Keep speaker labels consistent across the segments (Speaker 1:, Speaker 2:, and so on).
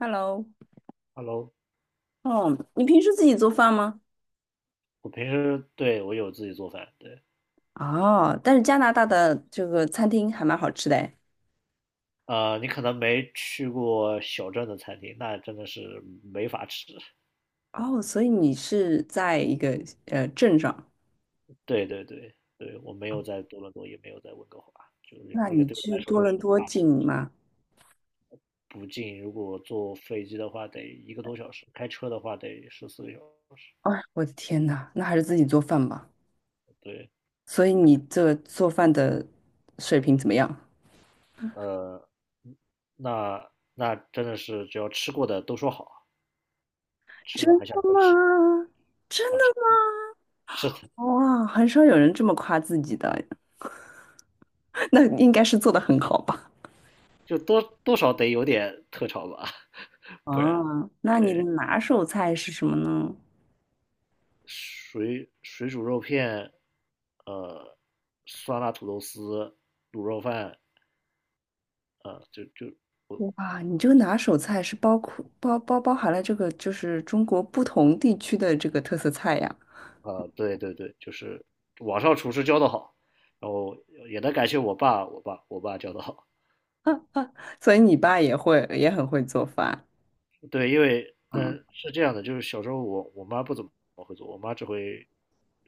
Speaker 1: Hello，
Speaker 2: Hello，
Speaker 1: 哦，你平时自己做饭吗？
Speaker 2: 我平时对我有自己做饭，对。
Speaker 1: 哦，但是加拿大的这个餐厅还蛮好吃的诶。
Speaker 2: 你可能没去过小镇的餐厅，那真的是没法吃。
Speaker 1: 哦，所以你是在一个镇上，
Speaker 2: 对对对对，我没有在多伦多，也没有在温哥华，就是
Speaker 1: 那
Speaker 2: 那个
Speaker 1: 你
Speaker 2: 对我
Speaker 1: 去
Speaker 2: 来说
Speaker 1: 多
Speaker 2: 都是
Speaker 1: 伦
Speaker 2: 个
Speaker 1: 多
Speaker 2: 大
Speaker 1: 近
Speaker 2: 城市。
Speaker 1: 吗？
Speaker 2: 不近。如果坐飞机的话，得一个多小时；开车的话，得14个小时。
Speaker 1: 哎，我的天呐，那还是自己做饭吧。
Speaker 2: 对。
Speaker 1: 所以你这做饭的水平怎么样？
Speaker 2: 呃，那那真的是只要吃过的都说好，吃
Speaker 1: 真
Speaker 2: 了还想
Speaker 1: 的
Speaker 2: 再吃。
Speaker 1: 吗？真的
Speaker 2: 啊，
Speaker 1: 吗？
Speaker 2: 是的。
Speaker 1: 哇，很少有人这么夸自己的，那应该是做的很好吧？
Speaker 2: 就多多少得有点特长吧，不然。
Speaker 1: 啊，那你的拿手菜是什么呢？
Speaker 2: 水煮肉片，呃，酸辣土豆丝、卤肉饭。啊，就就
Speaker 1: 哇，你这个拿手菜是包括包含了这个就是中国不同地区的这个特色菜呀，
Speaker 2: 啊，对对对，就是网上厨师教的好，然后也得感谢我爸，我爸教的好。
Speaker 1: 所以你爸也会也很会做饭，
Speaker 2: 对，因为但
Speaker 1: 嗯。
Speaker 2: 是这样的，就是小时候我妈不怎么会做，我妈只会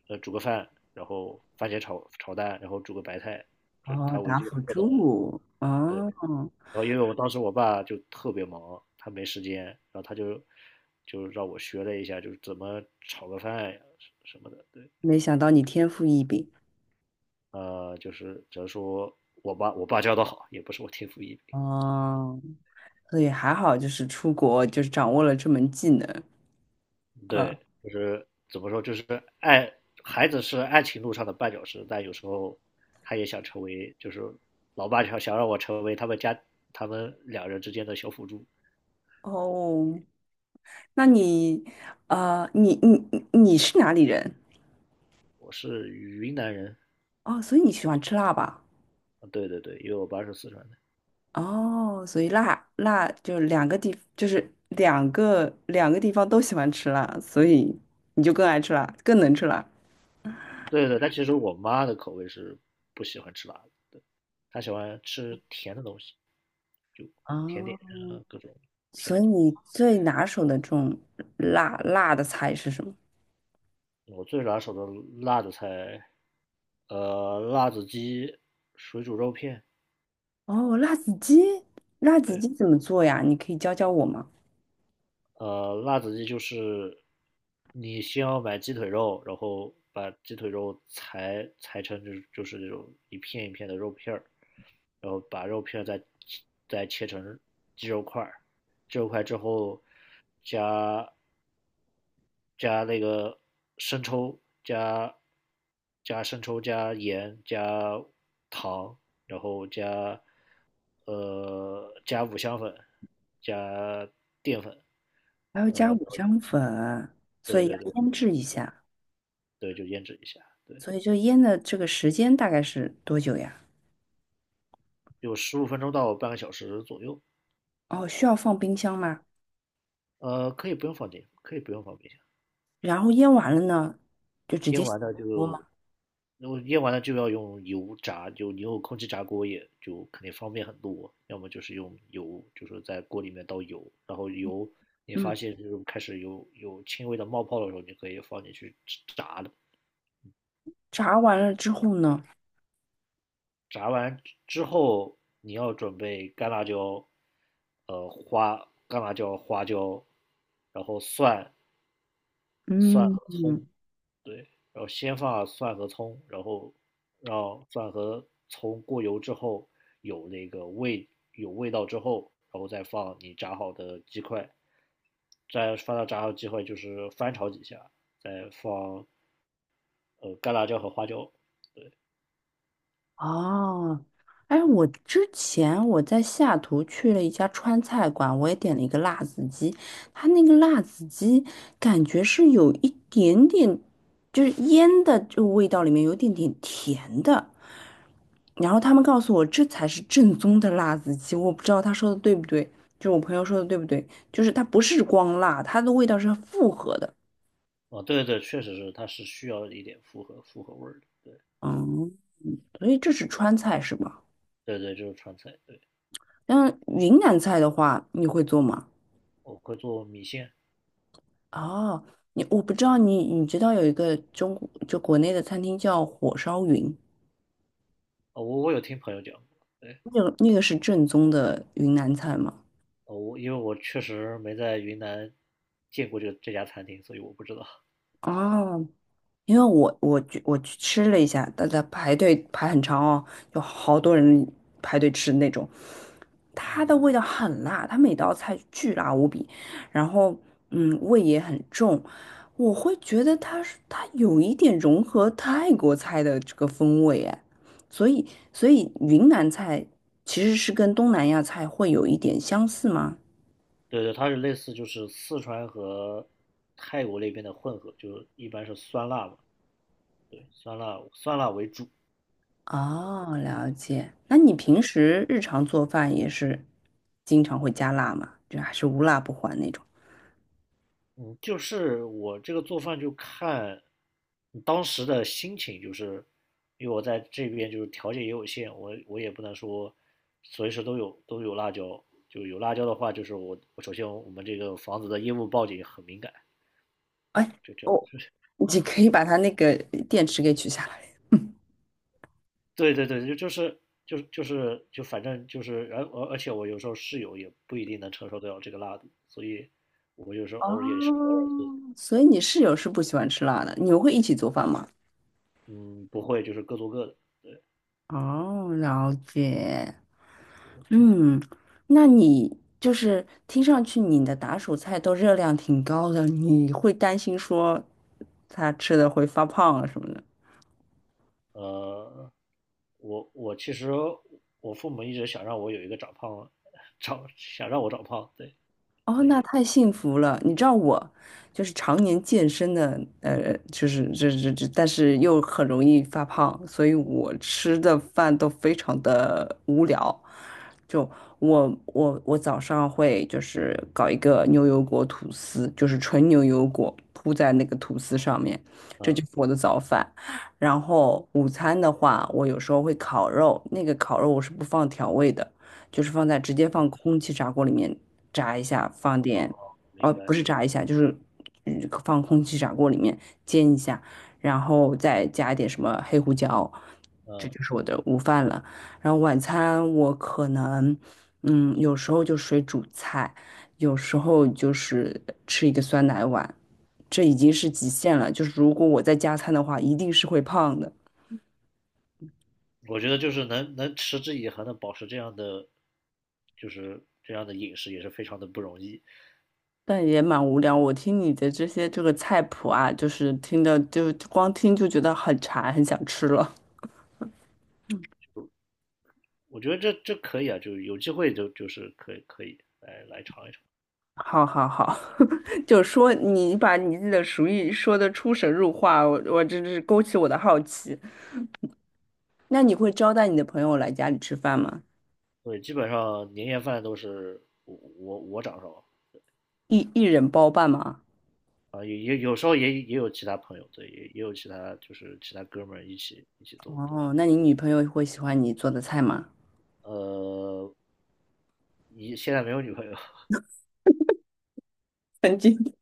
Speaker 2: 煮个饭，然后番茄炒蛋，然后煮个白菜，这是
Speaker 1: 哦，
Speaker 2: 她唯一
Speaker 1: 打辅
Speaker 2: 做的。
Speaker 1: 助，
Speaker 2: 对。
Speaker 1: 哦。
Speaker 2: 然后因为我当时我爸就特别忙，他没时间，然后他就让我学了一下，就是怎么炒个饭呀什么的。对。
Speaker 1: 没想到你天赋异禀，
Speaker 2: 就是只能说我爸教的好，也不是我天赋异禀。
Speaker 1: 哦，所以还好就是出国就是掌握了这门技能，啊。
Speaker 2: 对，就是怎么说，就是爱孩子是爱情路上的绊脚石，但有时候他也想成为，就是老爸想让我成为他们家他们两人之间的小辅助。
Speaker 1: 哦，那你，啊，你是哪里人？
Speaker 2: 我是云南人。
Speaker 1: 哦，所以你喜欢吃辣吧？
Speaker 2: 啊，对对对，因为我爸是四川的。
Speaker 1: 哦，所以辣就两个地，就是两个地方都喜欢吃辣，所以你就更爱吃辣，更能吃辣。
Speaker 2: 对对，但其实我妈的口味是不喜欢吃辣的。对，她喜欢吃甜的东西，甜
Speaker 1: 哦，
Speaker 2: 点啊，各种甜
Speaker 1: 所
Speaker 2: 的
Speaker 1: 以
Speaker 2: 东西。
Speaker 1: 你最拿手的这种辣的菜是什么？
Speaker 2: 我最拿手的辣的菜，辣子鸡、水煮肉片。
Speaker 1: 哦，辣子鸡，辣子
Speaker 2: 对。
Speaker 1: 鸡怎么做呀？你可以教教我吗？
Speaker 2: 辣子鸡就是你先要买鸡腿肉，然后把鸡腿肉裁成就是那种一片一片的肉片儿，然后把肉片儿再切成鸡肉块儿，鸡肉块之后加加那个生抽，加生抽，加盐，加糖，然后加五香粉，加淀粉。
Speaker 1: 还要加五香粉，所
Speaker 2: 对
Speaker 1: 以
Speaker 2: 对
Speaker 1: 要
Speaker 2: 对
Speaker 1: 腌制一下，
Speaker 2: 对，就腌制一下。对。
Speaker 1: 所以就腌的这个时间大概是多久呀？
Speaker 2: 有15分钟到半个小时左右。
Speaker 1: 哦，需要放冰箱吗？
Speaker 2: 可以不用放进，可以不用放冰箱。
Speaker 1: 然后腌完了呢，就直接
Speaker 2: 腌
Speaker 1: 下
Speaker 2: 完了
Speaker 1: 锅吗？
Speaker 2: 就然后腌完了就要用油炸，就你用空气炸锅也就肯定方便很多。要么就是用油，就是在锅里面倒油，然后油你
Speaker 1: 嗯。
Speaker 2: 发现就是开始有轻微的冒泡的时候，你可以放进去炸的。
Speaker 1: 炸完了之后呢？
Speaker 2: 炸完之后，你要准备干辣椒，干辣椒、花椒，然后蒜
Speaker 1: 嗯
Speaker 2: 和葱。
Speaker 1: 嗯。
Speaker 2: 对。然后先放蒜和葱，然后让蒜和葱过油之后有那个味有味道之后，然后再放你炸好的鸡块，再放到炸好鸡块就是翻炒几下，再放干辣椒和花椒。
Speaker 1: 哦，哎，我之前我在下图去了一家川菜馆，我也点了一个辣子鸡，它那个辣子鸡感觉是有一点点，就是腌的这个味道里面有一点点甜的，然后他们告诉我这才是正宗的辣子鸡，我不知道他说的对不对，就是我朋友说的对不对，就是它不是光辣，它的味道是复合的，
Speaker 2: 啊，对对对，确实是，它是需要一点复合味儿的。对
Speaker 1: 嗯。所以这是川菜是吧？
Speaker 2: 对对，就是川菜。对。
Speaker 1: 嗯，云南菜的话，你会做吗？
Speaker 2: 我会做米线。
Speaker 1: 哦，你我不知道你知道有一个中国就国内的餐厅叫火烧云，
Speaker 2: 啊，我有听朋友讲过。对。
Speaker 1: 那个那个是正宗的云南菜吗？
Speaker 2: 哦，我因为我确实没在云南见过这家餐厅，所以我不知道。
Speaker 1: 哦，因为我去吃了一下，大家排队排很长哦，有好多人排队吃那种，它
Speaker 2: 嗯。
Speaker 1: 的味道很辣，它每道菜巨辣无比。然后嗯，味也很重，我会觉得它是它有一点融合泰国菜的这个风味哎，所以所以云南菜其实是跟东南亚菜会有一点相似吗？
Speaker 2: 对对，它是类似就是四川和泰国那边的混合，就是一般是酸辣嘛。对，酸辣酸辣为主。
Speaker 1: 哦，了解。那你平时日常做饭也是经常会加辣吗？就还是无辣不欢那种？
Speaker 2: 嗯，就是我这个做饭就看当时的心情，就是因为我在这边就是条件也有限，我也不能说随时都有辣椒，就有辣椒的话，就是我首先我们这个房子的烟雾报警很敏感，
Speaker 1: 哎，
Speaker 2: 就这。
Speaker 1: 我，你可以把它那个电池给取下来。
Speaker 2: 对对对，就就是就是就是就反正就是，而且我有时候室友也不一定能承受得了这个辣度，所以我有时候偶尔也是偶尔做。
Speaker 1: 所以你室友是不喜欢吃辣的，你们会一起做饭吗？
Speaker 2: 嗯，不会就是各做各的。
Speaker 1: 哦，了解。嗯，那你就是听上去你的打手菜都热量挺高的，你会担心说他吃的会发胖啊什么的？
Speaker 2: 呃，我其实我父母一直想让我有一个长胖，想让我长胖。对，
Speaker 1: 哦，
Speaker 2: 所
Speaker 1: 那
Speaker 2: 以
Speaker 1: 太幸福了！你知道我就是常年健身的，就是这，但是又很容易发胖，所以我吃的饭都非常的无聊。就我早上会就是搞一个牛油果吐司，就是纯牛油果铺在那个吐司上面，这就
Speaker 2: 嗯，
Speaker 1: 是我的早饭。然后午餐的话，我有时候会烤肉，那个烤肉我是不放调味的。就是放在直接放空气炸锅里面炸一下，放点，哦，
Speaker 2: 明
Speaker 1: 不
Speaker 2: 白，
Speaker 1: 是炸一下，就是嗯放空气炸锅里面煎一下，然后再加一点什么黑胡椒，这
Speaker 2: 嗯，
Speaker 1: 就是我的午饭了。然后晚餐我可能，嗯，有时候就水煮菜，有时候就是吃一个酸奶碗，这已经是极限了。就是如果我再加餐的话，一定是会胖的。
Speaker 2: 我觉得就是能持之以恒的保持这样的，就是这样的饮食也是非常的不容易。
Speaker 1: 但也蛮无聊。我听你的这些这个菜谱啊，就是听的就光听就觉得很馋，很想吃了。
Speaker 2: 我觉得这可以啊，就有机会就是可以来尝一尝。
Speaker 1: 好好好，就说你把你自己的厨艺说的出神入化，我真是勾起我的好奇。那你会招待你的朋友来家里吃饭吗？
Speaker 2: 对，基本上年夜饭都是我掌勺。
Speaker 1: 一人包办吗？
Speaker 2: 啊，也有时候也有其他朋友。对，也有其他就是其他哥们儿一起做。对。
Speaker 1: 哦，那你女朋友会喜欢你做的菜吗？
Speaker 2: 呃，现在没有女朋友。
Speaker 1: 曾经。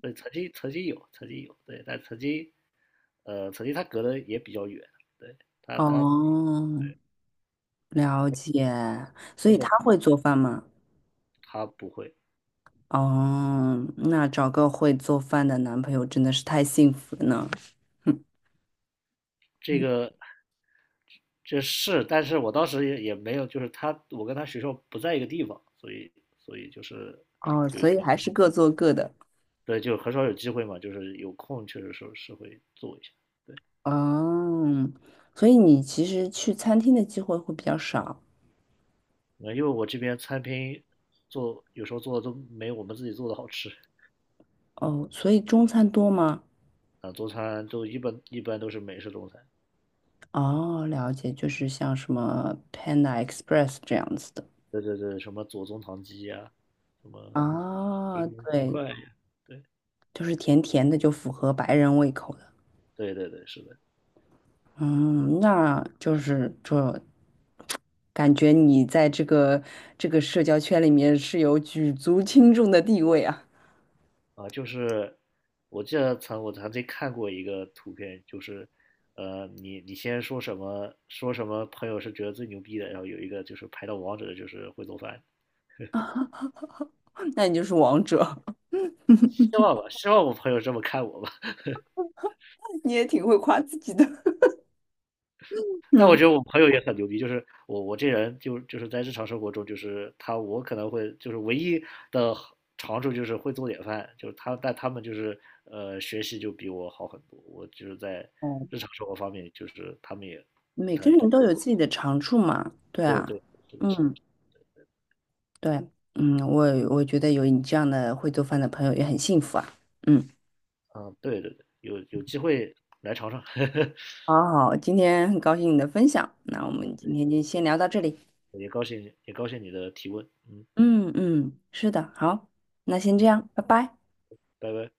Speaker 2: 对，曾经有，曾经有。对，但曾经他隔得也比较远。对，他，
Speaker 1: 哦，了解。所
Speaker 2: 而
Speaker 1: 以她
Speaker 2: 且
Speaker 1: 会做饭吗？
Speaker 2: 他不会
Speaker 1: 哦，那找个会做饭的男朋友真的是太幸福了呢。
Speaker 2: 这
Speaker 1: 嗯。
Speaker 2: 个这是，但是我当时也没有，就是他，我跟他学校不在一个地方，所以就是
Speaker 1: 哦，
Speaker 2: 就
Speaker 1: 所以还是各做各的。
Speaker 2: 对，就很少有机会嘛，就是有空确实是会做一下。对。
Speaker 1: 哦，所以你其实去餐厅的机会会比较少。
Speaker 2: 因为我这边餐厅做有时候做的都没我们自己做的好吃。
Speaker 1: 哦，所以中餐多吗？
Speaker 2: 啊，中餐都一般都是美式中餐。
Speaker 1: 哦，了解，就是像什么 Panda Express 这样子的。
Speaker 2: 对对对，什么左宗棠鸡呀、什么柠
Speaker 1: 啊，
Speaker 2: 檬鸡
Speaker 1: 对，
Speaker 2: 块呀。对
Speaker 1: 就是甜甜的，就符合白人胃口的。
Speaker 2: 对对对，是的。
Speaker 1: 嗯，那就是这感觉你在这个社交圈里面是有举足轻重的地位啊。
Speaker 2: 啊，就是我记得我曾经看过一个图片，就是你先说什么说什么朋友是觉得最牛逼的，然后有一个就是排到王者的就是会做饭，
Speaker 1: 那你就是王者，
Speaker 2: 希望吧，希望我朋友这么看我吧。
Speaker 1: 你也挺会夸自己的。
Speaker 2: 但我
Speaker 1: 嗯。
Speaker 2: 觉得我朋友也很牛逼，就是我这人就是在日常生活中，就是我可能会就是唯一的长处就是会做点饭，就是但他们就是学习就比我好很多，我就是在
Speaker 1: 哦，
Speaker 2: 日常生活方面就是他们也
Speaker 1: 每个
Speaker 2: 他就
Speaker 1: 人都有自己的长处嘛，对
Speaker 2: 对
Speaker 1: 啊，
Speaker 2: 对，是的，是的。
Speaker 1: 嗯，对，嗯，我觉得有你这样的会做饭的朋友也很幸福啊。嗯。
Speaker 2: 啊，对对对，有机会来尝尝，
Speaker 1: 好好，今天很高兴你的分享，那我们今天就先聊到这里。
Speaker 2: 也高兴你的提问。嗯
Speaker 1: 嗯嗯，是的，好，那先这
Speaker 2: 嗯，
Speaker 1: 样，拜拜。
Speaker 2: 拜拜。